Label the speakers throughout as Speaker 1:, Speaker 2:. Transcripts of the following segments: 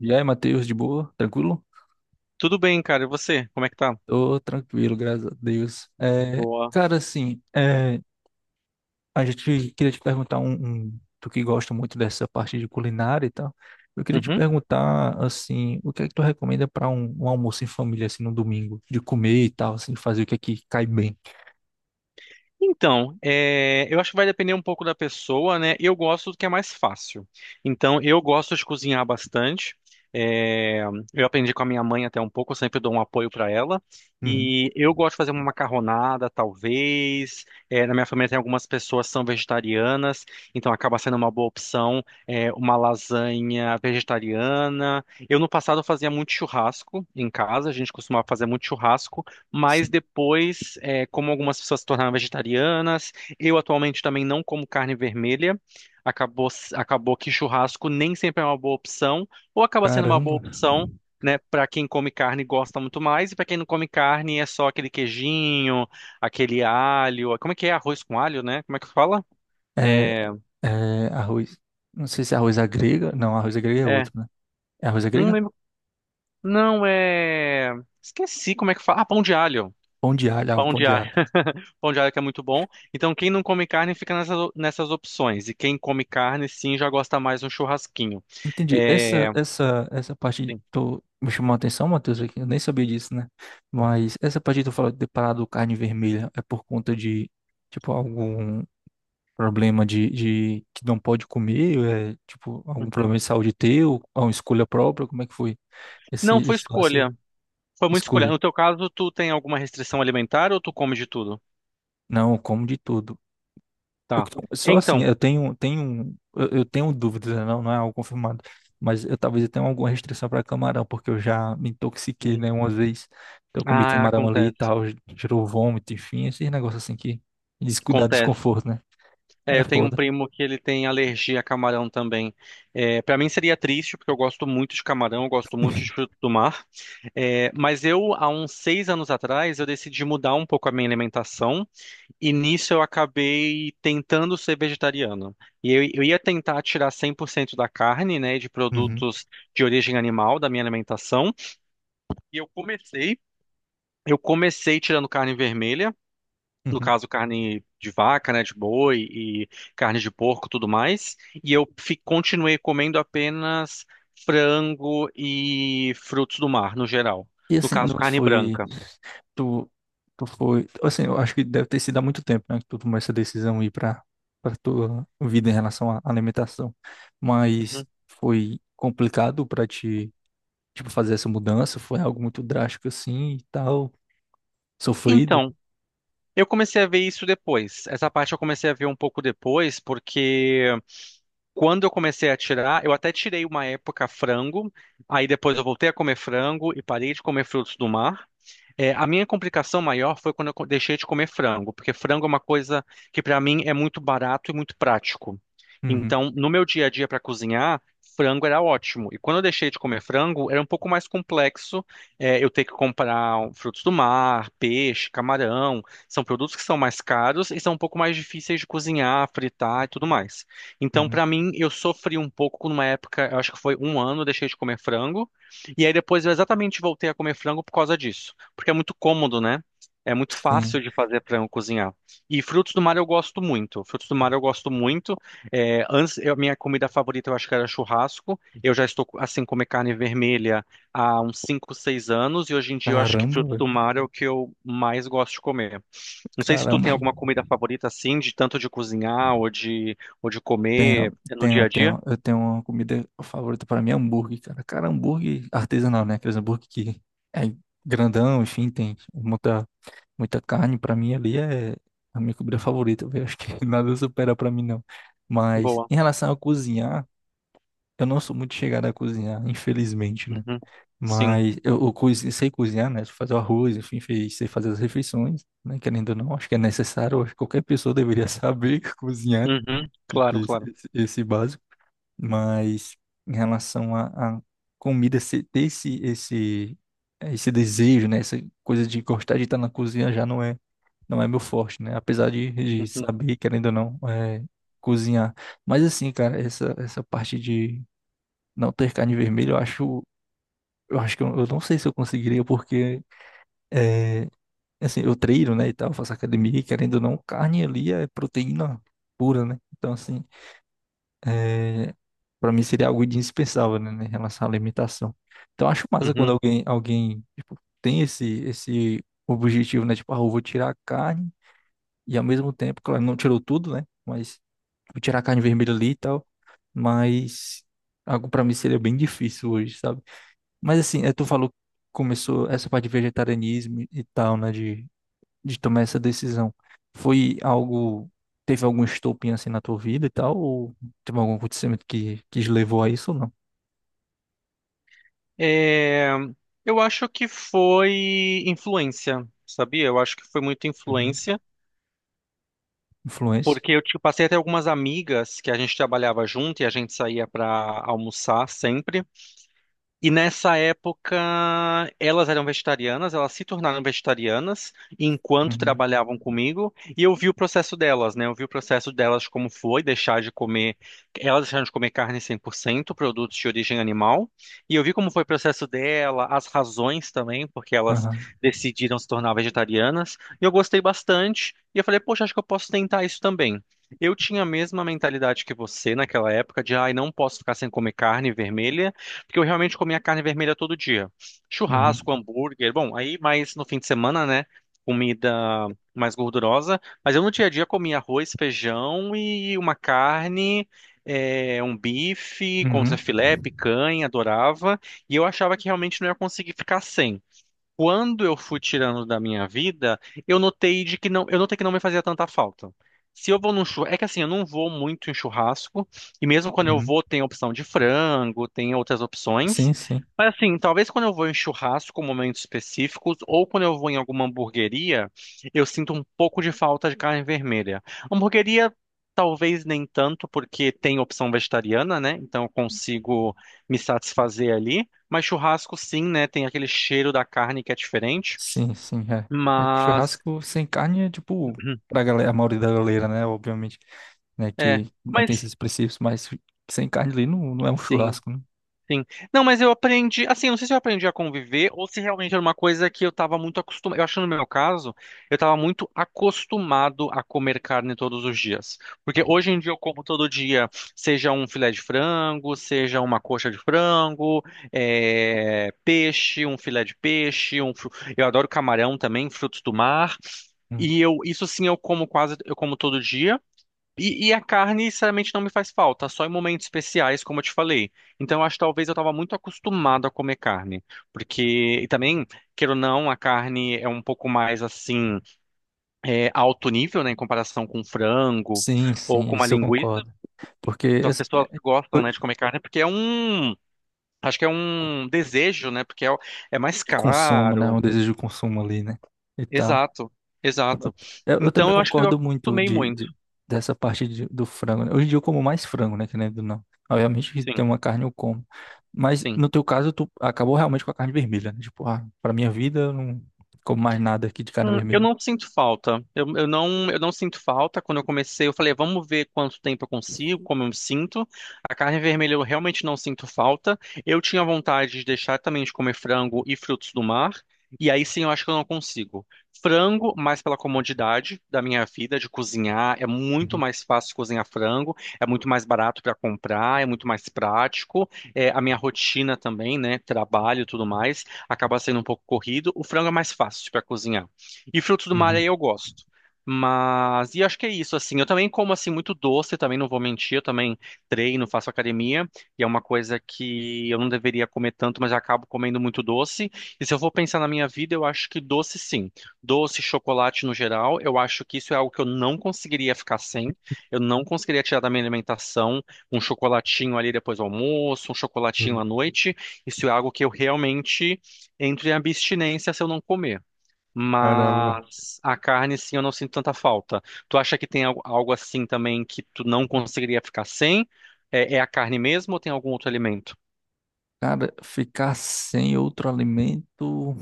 Speaker 1: E aí, Matheus, de boa? Tranquilo?
Speaker 2: Tudo bem, cara. E você? Como é que tá?
Speaker 1: Tô tranquilo, graças a Deus.
Speaker 2: Boa.
Speaker 1: Cara, assim, a gente queria te perguntar tu que gosta muito dessa parte de culinária e tal. Eu queria te
Speaker 2: Uhum.
Speaker 1: perguntar, assim, o que é que tu recomenda para um almoço em família, assim, no domingo, de comer e tal, assim, fazer o que é que cai bem?
Speaker 2: Então, eu acho que vai depender um pouco da pessoa, né? Eu gosto do que é mais fácil. Então, eu gosto de cozinhar bastante. É, Eu aprendi com a minha mãe até um pouco, eu sempre dou um apoio para ela.
Speaker 1: Hum.
Speaker 2: E eu gosto de fazer uma macarronada, talvez. Na minha família tem algumas pessoas que são vegetarianas, então acaba sendo uma boa opção, uma lasanha vegetariana. Eu no passado fazia muito churrasco em casa, a gente costumava fazer muito churrasco. Mas
Speaker 1: Sim,
Speaker 2: depois, como algumas pessoas se tornaram vegetarianas, eu atualmente também não como carne vermelha. Acabou que churrasco nem sempre é uma boa opção, ou acaba sendo uma boa
Speaker 1: caramba.
Speaker 2: opção, né, para quem come carne e gosta muito mais, e para quem não come carne é só aquele queijinho, aquele alho. Como é que é? Arroz com alho, né? Como é que fala?
Speaker 1: É,
Speaker 2: É,
Speaker 1: é, arroz. Não sei se é arroz à grega. Não, arroz à grega é
Speaker 2: é,
Speaker 1: outro, né? É arroz à
Speaker 2: não
Speaker 1: grega?
Speaker 2: lembro. Não, é. Esqueci como é que fala. Ah, pão de alho.
Speaker 1: Pão de alho, ah, o
Speaker 2: Pão
Speaker 1: pão
Speaker 2: de
Speaker 1: de
Speaker 2: alho.
Speaker 1: alho.
Speaker 2: Pão de alho que é muito bom. Então, quem não come carne fica nessas, nessas opções. E quem come carne, sim, já gosta mais de um churrasquinho.
Speaker 1: Entendi.
Speaker 2: É,
Speaker 1: Essa parte
Speaker 2: sim.
Speaker 1: tô, me chamou a atenção, Matheus, aqui. Eu nem sabia disso, né? Mas essa parte que tu falou de ter parado carne vermelha é por conta de, tipo, algum problema de que não pode comer? É, tipo, algum problema de saúde teu? Ou uma escolha própria? Como é que foi
Speaker 2: Não foi
Speaker 1: esse lance?
Speaker 2: escolha. Foi muito escolha.
Speaker 1: Escolha.
Speaker 2: No teu caso, tu tem alguma restrição alimentar ou tu come de tudo?
Speaker 1: Não, eu como de tudo.
Speaker 2: Tá.
Speaker 1: Só assim,
Speaker 2: Então.
Speaker 1: eu tenho dúvidas, né? Não é algo confirmado, mas eu talvez eu tenha alguma restrição para camarão, porque eu já me intoxiquei,
Speaker 2: hum,
Speaker 1: né, uma vez. Então, eu comi
Speaker 2: Ah,
Speaker 1: camarão ali e
Speaker 2: acontece.
Speaker 1: tal, gerou vômito, enfim, esses negócios assim que dá
Speaker 2: Acontece.
Speaker 1: desconforto, né? Aí é
Speaker 2: Eu tenho um
Speaker 1: foda.
Speaker 2: primo que ele tem alergia a camarão também. Para mim seria triste, porque eu gosto muito de camarão, eu gosto muito de fruto do mar. Mas eu, há uns 6 anos atrás, eu decidi mudar um pouco a minha alimentação. E nisso eu acabei tentando ser vegetariano. E eu ia tentar tirar 100% da carne, né, de
Speaker 1: Uhum,
Speaker 2: produtos de origem animal da minha alimentação. E eu comecei, eu comecei tirando carne vermelha, no
Speaker 1: uhum.
Speaker 2: caso carne de vaca, né, de boi e carne de porco, tudo mais. E eu continuei comendo apenas frango e frutos do mar, no geral.
Speaker 1: E
Speaker 2: No
Speaker 1: assim,
Speaker 2: caso,
Speaker 1: não
Speaker 2: carne
Speaker 1: foi,
Speaker 2: branca.
Speaker 1: tu, tu foi, assim, eu acho que deve ter sido há muito tempo, né, que tu tomou essa decisão aí para para tua vida em relação à alimentação, mas
Speaker 2: Uhum.
Speaker 1: foi complicado para ti, tipo, fazer essa mudança foi algo muito drástico assim e tal, sofrido.
Speaker 2: Então, eu comecei a ver isso depois. Essa parte eu comecei a ver um pouco depois, porque quando eu comecei a tirar, eu até tirei uma época frango, aí depois eu voltei a comer frango e parei de comer frutos do mar. A minha complicação maior foi quando eu deixei de comer frango, porque frango é uma coisa que para mim é muito barato e muito prático.
Speaker 1: Uhum,
Speaker 2: Então, no meu dia a dia para cozinhar, frango era ótimo. E quando eu deixei de comer frango, era um pouco mais complexo, eu ter que comprar frutos do mar, peixe, camarão. São produtos que são mais caros e são um pouco mais difíceis de cozinhar, fritar e tudo mais. Então,
Speaker 1: uhum.
Speaker 2: para mim, eu sofri um pouco numa época, eu acho que foi um ano, eu deixei de comer frango. E aí depois eu exatamente voltei a comer frango por causa disso porque é muito cômodo, né? É muito
Speaker 1: Sim.
Speaker 2: fácil de fazer para eu cozinhar. E frutos do mar eu gosto muito. Frutos do mar eu gosto muito. Antes, minha comida favorita eu acho que era churrasco. Eu já estou assim comer carne vermelha há uns 5 ou 6 anos e hoje em dia eu acho que
Speaker 1: Caramba,
Speaker 2: frutos do
Speaker 1: velho.
Speaker 2: mar é o que eu mais gosto de comer. Não sei se tu
Speaker 1: Caramba.
Speaker 2: tem alguma comida favorita assim, de tanto de cozinhar ou de
Speaker 1: Tenho,
Speaker 2: comer no dia
Speaker 1: tenho,
Speaker 2: a dia.
Speaker 1: tenho, eu tenho uma comida favorita. Para mim, é hambúrguer, cara. Cara, hambúrguer artesanal, né? Aqueles hambúrguer que é grandão, enfim, tem muita carne. Para mim ali é a minha comida favorita, velho. Acho que nada supera para mim, não. Mas
Speaker 2: Boa.
Speaker 1: em relação a cozinhar, eu não sou muito chegado a cozinhar, infelizmente, né?
Speaker 2: Uhum. Sim.
Speaker 1: Mas sei cozinhar, né? Fazer o arroz, enfim, sei fazer as refeições, né? Querendo ou não, acho que é necessário, acho que qualquer pessoa deveria saber cozinhar
Speaker 2: Uhum.
Speaker 1: e
Speaker 2: Claro,
Speaker 1: ter
Speaker 2: claro.
Speaker 1: esse básico. Mas em relação à comida, ter esse desejo, né? Essa coisa de gostar de estar na cozinha já não é, não é meu forte, né? Apesar de
Speaker 2: Uhum.
Speaker 1: saber, querendo ou não, cozinhar. Mas assim, cara, essa parte de não ter carne vermelha, eu acho. Eu acho que eu não sei se eu conseguiria, porque é, assim, eu treino, né, e tal, faço academia, e querendo ou não, carne ali é proteína pura, né? Então, assim, é, para mim seria algo indispensável, né, em relação à alimentação. Então, eu acho massa quando
Speaker 2: Uhum.
Speaker 1: alguém, tipo, tem esse objetivo, né? Tipo, ah, eu vou tirar a carne, e ao mesmo tempo, claro, não tirou tudo, né? Mas vou tirar a carne vermelha ali e tal, mas algo para mim seria bem difícil hoje, sabe? Mas assim, é, tu falou que começou essa parte de vegetarianismo e tal, né? De tomar essa decisão. Foi algo. Teve algum estopim assim na tua vida e tal? Ou teve algum acontecimento que te levou a isso ou não?
Speaker 2: É, eu acho que foi influência, sabia? Eu acho que foi muita
Speaker 1: Uhum.
Speaker 2: influência,
Speaker 1: Influência?
Speaker 2: porque eu tipo, passei até algumas amigas que a gente trabalhava junto e a gente saía para almoçar sempre. E nessa época, elas eram vegetarianas, elas se tornaram vegetarianas enquanto
Speaker 1: Uhum.
Speaker 2: trabalhavam comigo, e eu vi o processo delas, né? Eu vi o processo delas como foi deixar de comer, elas deixaram de comer carne 100% produtos de origem animal, e eu vi como foi o processo dela, as razões também, porque elas
Speaker 1: Aham.
Speaker 2: decidiram se tornar vegetarianas, e eu gostei bastante, e eu falei, poxa, acho que eu posso tentar isso também. Eu tinha a mesma mentalidade que você naquela época de, ai, não posso ficar sem comer carne vermelha, porque eu realmente comia carne vermelha todo dia.
Speaker 1: Uhum.
Speaker 2: Churrasco, hambúrguer, bom, aí mais no fim de semana, né? Comida mais gordurosa, mas eu no dia a dia comia arroz, feijão e uma carne, um bife,
Speaker 1: Uhum.
Speaker 2: contrafilé, picanha, adorava, e eu achava que realmente não ia conseguir ficar sem quando eu fui tirando da minha vida, eu notei de que não, eu notei que não me fazia tanta falta. Se eu vou num churrasco, é que assim, eu não vou muito em churrasco, e mesmo quando eu
Speaker 1: Uhum.
Speaker 2: vou, tem a opção de frango, tem outras opções.
Speaker 1: Sim, sim.
Speaker 2: Mas assim, talvez quando eu vou em churrasco, momentos específicos, ou quando eu vou em alguma hamburgueria, eu sinto um pouco de falta de carne vermelha. Hamburgueria, talvez nem tanto, porque tem opção vegetariana, né? Então eu consigo me satisfazer ali. Mas churrasco, sim, né? Tem aquele cheiro da carne que é diferente.
Speaker 1: Sim, sim. É. É que
Speaker 2: Mas.
Speaker 1: churrasco sem carne é tipo. Pra galera, a maioria da galera, né? Obviamente, né?
Speaker 2: É.
Speaker 1: Que não tem
Speaker 2: Mas,
Speaker 1: esses princípios, mas sem carne ali não é um
Speaker 2: sim.
Speaker 1: churrasco, né?
Speaker 2: Sim. Não, mas eu aprendi, assim, eu não sei se eu aprendi a conviver ou se realmente era uma coisa que eu estava muito acostumado. Eu acho que no meu caso, eu estava muito acostumado a comer carne todos os dias. Porque hoje em dia eu como todo dia, seja um filé de frango, seja uma coxa de frango, peixe, um filé de peixe, eu adoro camarão também, frutos do mar. E eu, isso sim, eu como todo dia. E a carne, sinceramente, não me faz falta, só em momentos especiais, como eu te falei. Então, eu acho que talvez eu estava muito acostumado a comer carne. Porque, e também, queira ou não, a carne é um pouco mais, assim, alto nível, né, em comparação com frango
Speaker 1: Sim,
Speaker 2: ou
Speaker 1: sim,
Speaker 2: com uma
Speaker 1: isso eu
Speaker 2: linguiça.
Speaker 1: concordo. Porque
Speaker 2: Então, as
Speaker 1: assim,
Speaker 2: pessoas gostam,
Speaker 1: eu-
Speaker 2: né, de comer carne porque é um, acho que é um desejo, né, porque é mais
Speaker 1: de consumo, né?
Speaker 2: caro.
Speaker 1: Um desejo de consumo ali, né? E tal.
Speaker 2: Exato,
Speaker 1: Pronto.
Speaker 2: exato.
Speaker 1: Eu
Speaker 2: Então,
Speaker 1: também
Speaker 2: eu acho que eu
Speaker 1: concordo muito
Speaker 2: acostumei muito.
Speaker 1: dessa parte do frango, né? Hoje em dia eu como mais frango, né? Que nem do não. Obviamente que
Speaker 2: Sim,
Speaker 1: tem uma carne eu como. Mas
Speaker 2: sim.
Speaker 1: no teu caso, tu acabou realmente com a carne vermelha, né? Tipo, ah, pra minha vida eu não como mais nada aqui de carne
Speaker 2: Eu
Speaker 1: vermelha.
Speaker 2: não sinto falta. Eu não sinto falta. Quando eu comecei, eu falei, vamos ver quanto tempo eu consigo, como eu me sinto. A carne vermelha eu realmente não sinto falta. Eu tinha vontade de deixar também de comer frango e frutos do mar. E aí sim, eu acho que eu não consigo. Frango, mais pela comodidade da minha vida de cozinhar, é muito
Speaker 1: Uhum,
Speaker 2: mais fácil cozinhar frango, é muito mais barato para comprar, é muito mais prático. A minha rotina também, né, trabalho e tudo mais, acaba sendo um pouco corrido. O frango é mais fácil para cozinhar. E frutos do mar aí
Speaker 1: uhum.
Speaker 2: eu gosto. Mas, e acho que é isso, assim. Eu também como, assim, muito doce, também não vou mentir. Eu também treino, faço academia. E é uma coisa que eu não deveria comer tanto, mas eu acabo comendo muito doce. E se eu for pensar na minha vida, eu acho que doce, sim. Doce, chocolate no geral, eu acho que isso é algo que eu não conseguiria ficar sem. Eu não conseguiria tirar da minha alimentação um chocolatinho ali depois do almoço, um chocolatinho
Speaker 1: Hum,
Speaker 2: à noite. Isso é algo que eu realmente entro em abstinência se eu não comer.
Speaker 1: Caramba.
Speaker 2: Mas a carne, sim, eu não sinto tanta falta. Tu acha que tem algo assim também que tu não conseguiria ficar sem? É a carne mesmo ou tem algum outro alimento?
Speaker 1: Cara, ficar sem outro alimento.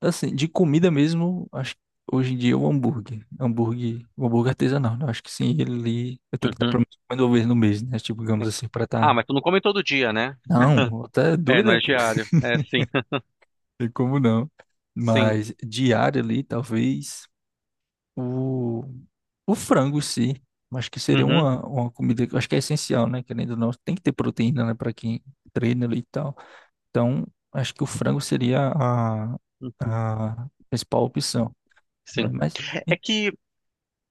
Speaker 1: Assim, de comida mesmo, acho que hoje em dia é o hambúrguer. Hambúrguer, o hambúrguer artesanal, né? Acho que sim, ele eu tenho que estar pelo
Speaker 2: Uhum,
Speaker 1: menos comendo uma vez no mês, né? Tipo, digamos
Speaker 2: sim.
Speaker 1: assim, pra
Speaker 2: Ah,
Speaker 1: estar.
Speaker 2: mas tu não come todo dia, né?
Speaker 1: Não, até
Speaker 2: É,
Speaker 1: doido,
Speaker 2: não
Speaker 1: é,
Speaker 2: é
Speaker 1: pô.
Speaker 2: diário. É, sim.
Speaker 1: Tem como não.
Speaker 2: Sim.
Speaker 1: Mas diário ali, talvez o, o frango em si. Acho que seria
Speaker 2: Uhum,
Speaker 1: uma comida que eu acho que é essencial, né? Querendo ou não, tem que ter proteína, né? Pra quem treina ali e tal. Então, acho que o frango seria
Speaker 2: uhum,
Speaker 1: a principal opção, né?
Speaker 2: sim.
Speaker 1: Mas.
Speaker 2: É, é que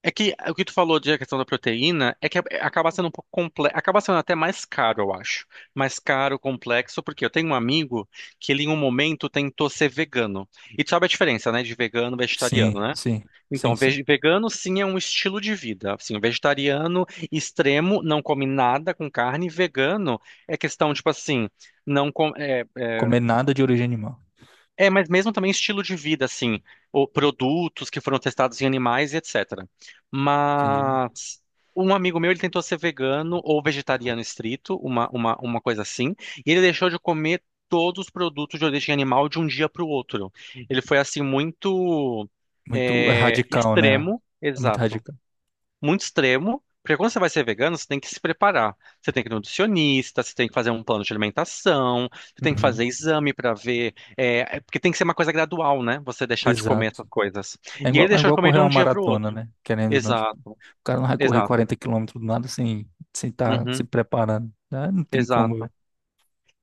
Speaker 2: é que o que tu falou de a questão da proteína é que acaba sendo um pouco complexo, acaba sendo até mais caro, eu acho. Mais caro, complexo, porque eu tenho um amigo que ele em um momento tentou ser vegano. E tu sabe a diferença, né, de vegano e vegetariano,
Speaker 1: Sim,
Speaker 2: né?
Speaker 1: sim, sim,
Speaker 2: Então,
Speaker 1: sim.
Speaker 2: vegano sim é um estilo de vida. Assim, o vegetariano extremo não come nada com carne. Vegano é questão, tipo assim, não com-
Speaker 1: Comer nada de origem animal.
Speaker 2: mas mesmo também estilo de vida, assim, ou produtos que foram testados em animais e etc.
Speaker 1: Entendi.
Speaker 2: Mas um amigo meu, ele tentou ser vegano ou vegetariano estrito, uma coisa assim, e ele deixou de comer todos os produtos de origem animal de um dia para o outro. Ele foi assim muito
Speaker 1: Muito radical, né?
Speaker 2: extremo,
Speaker 1: É muito
Speaker 2: exato,
Speaker 1: radical.
Speaker 2: muito extremo, porque quando você vai ser vegano, você tem que se preparar. Você tem que ir no nutricionista, você tem que fazer um plano de alimentação, você tem que fazer
Speaker 1: Uhum.
Speaker 2: exame para ver, porque tem que ser uma coisa gradual, né? Você deixar de comer
Speaker 1: Exato.
Speaker 2: essas coisas. E ele
Speaker 1: É
Speaker 2: deixou de
Speaker 1: igual
Speaker 2: comer de
Speaker 1: correr uma
Speaker 2: um dia para o
Speaker 1: maratona,
Speaker 2: outro.
Speaker 1: né? Querendo ou não, tipo, o
Speaker 2: Exato,
Speaker 1: cara não vai correr
Speaker 2: exato.
Speaker 1: 40 quilômetros do nada sem sem estar se
Speaker 2: Uhum,
Speaker 1: preparando, né? Não tem como, velho.
Speaker 2: exato.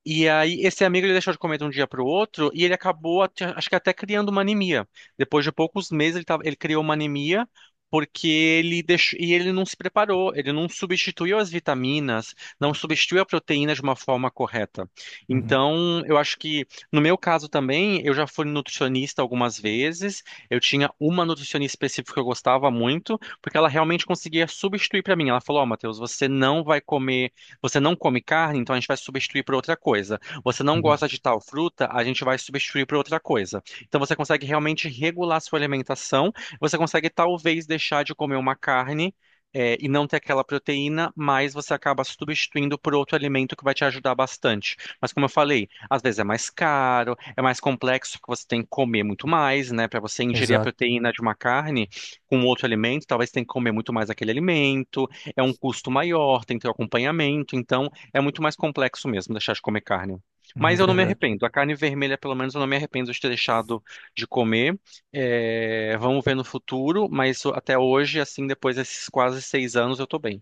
Speaker 2: E aí, esse amigo ele deixou de comer de um dia para o outro e ele acabou, acho que até criando uma anemia. Depois de poucos meses, ele criou uma anemia porque ele deixou, e ele não se preparou, ele não substituiu as vitaminas, não substituiu a proteína de uma forma correta.
Speaker 1: Uhum,
Speaker 2: Então, eu acho que, no meu caso também, eu já fui nutricionista algumas vezes, eu tinha uma nutricionista específica que eu gostava muito, porque ela realmente conseguia substituir para mim. Ela falou: Ó, Matheus, você não vai comer. Você não come carne, então a gente vai substituir por outra coisa. Você não
Speaker 1: uhum.
Speaker 2: gosta de tal fruta, a gente vai substituir por outra coisa. Então você consegue realmente regular sua alimentação. Você consegue talvez deixar de comer uma carne, e não ter aquela proteína, mas você acaba substituindo por outro alimento que vai te ajudar bastante. Mas como eu falei, às vezes é mais caro, é mais complexo, porque você tem que comer muito mais, né? Para você ingerir a
Speaker 1: Exato.
Speaker 2: proteína de uma carne com outro alimento, talvez você tenha que comer muito mais aquele alimento é um custo maior, tem que ter o acompanhamento, então é muito mais complexo mesmo deixar de comer carne.
Speaker 1: É
Speaker 2: Mas eu não me
Speaker 1: verdade.
Speaker 2: arrependo. A carne vermelha, pelo menos, eu não me arrependo de ter deixado de comer. Vamos ver no futuro, mas até hoje, assim, depois desses quase 6 anos, eu tô bem.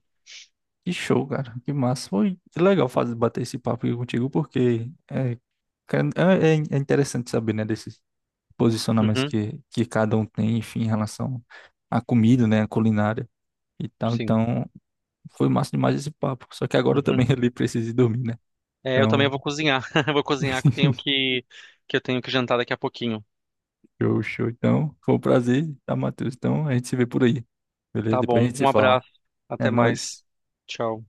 Speaker 1: Que show, cara. Que massa. Foi legal fazer, bater esse papo aqui contigo, porque cara, é interessante saber, né, desses posicionamentos
Speaker 2: Uhum,
Speaker 1: que cada um tem, enfim, em relação à comida, né, à culinária e tal.
Speaker 2: sim.
Speaker 1: Então, foi massa demais esse papo. Só que agora eu
Speaker 2: Uhum.
Speaker 1: também ali preciso ir dormir, né?
Speaker 2: Eu também
Speaker 1: Então,
Speaker 2: vou cozinhar. Vou cozinhar que eu tenho que jantar daqui a pouquinho.
Speaker 1: show, show. Então, foi um prazer, tá, Matheus? Então, a gente se vê por aí, beleza?
Speaker 2: Tá
Speaker 1: Depois a
Speaker 2: bom.
Speaker 1: gente se
Speaker 2: Um
Speaker 1: fala.
Speaker 2: abraço.
Speaker 1: É
Speaker 2: Até mais.
Speaker 1: nóis.
Speaker 2: Tchau.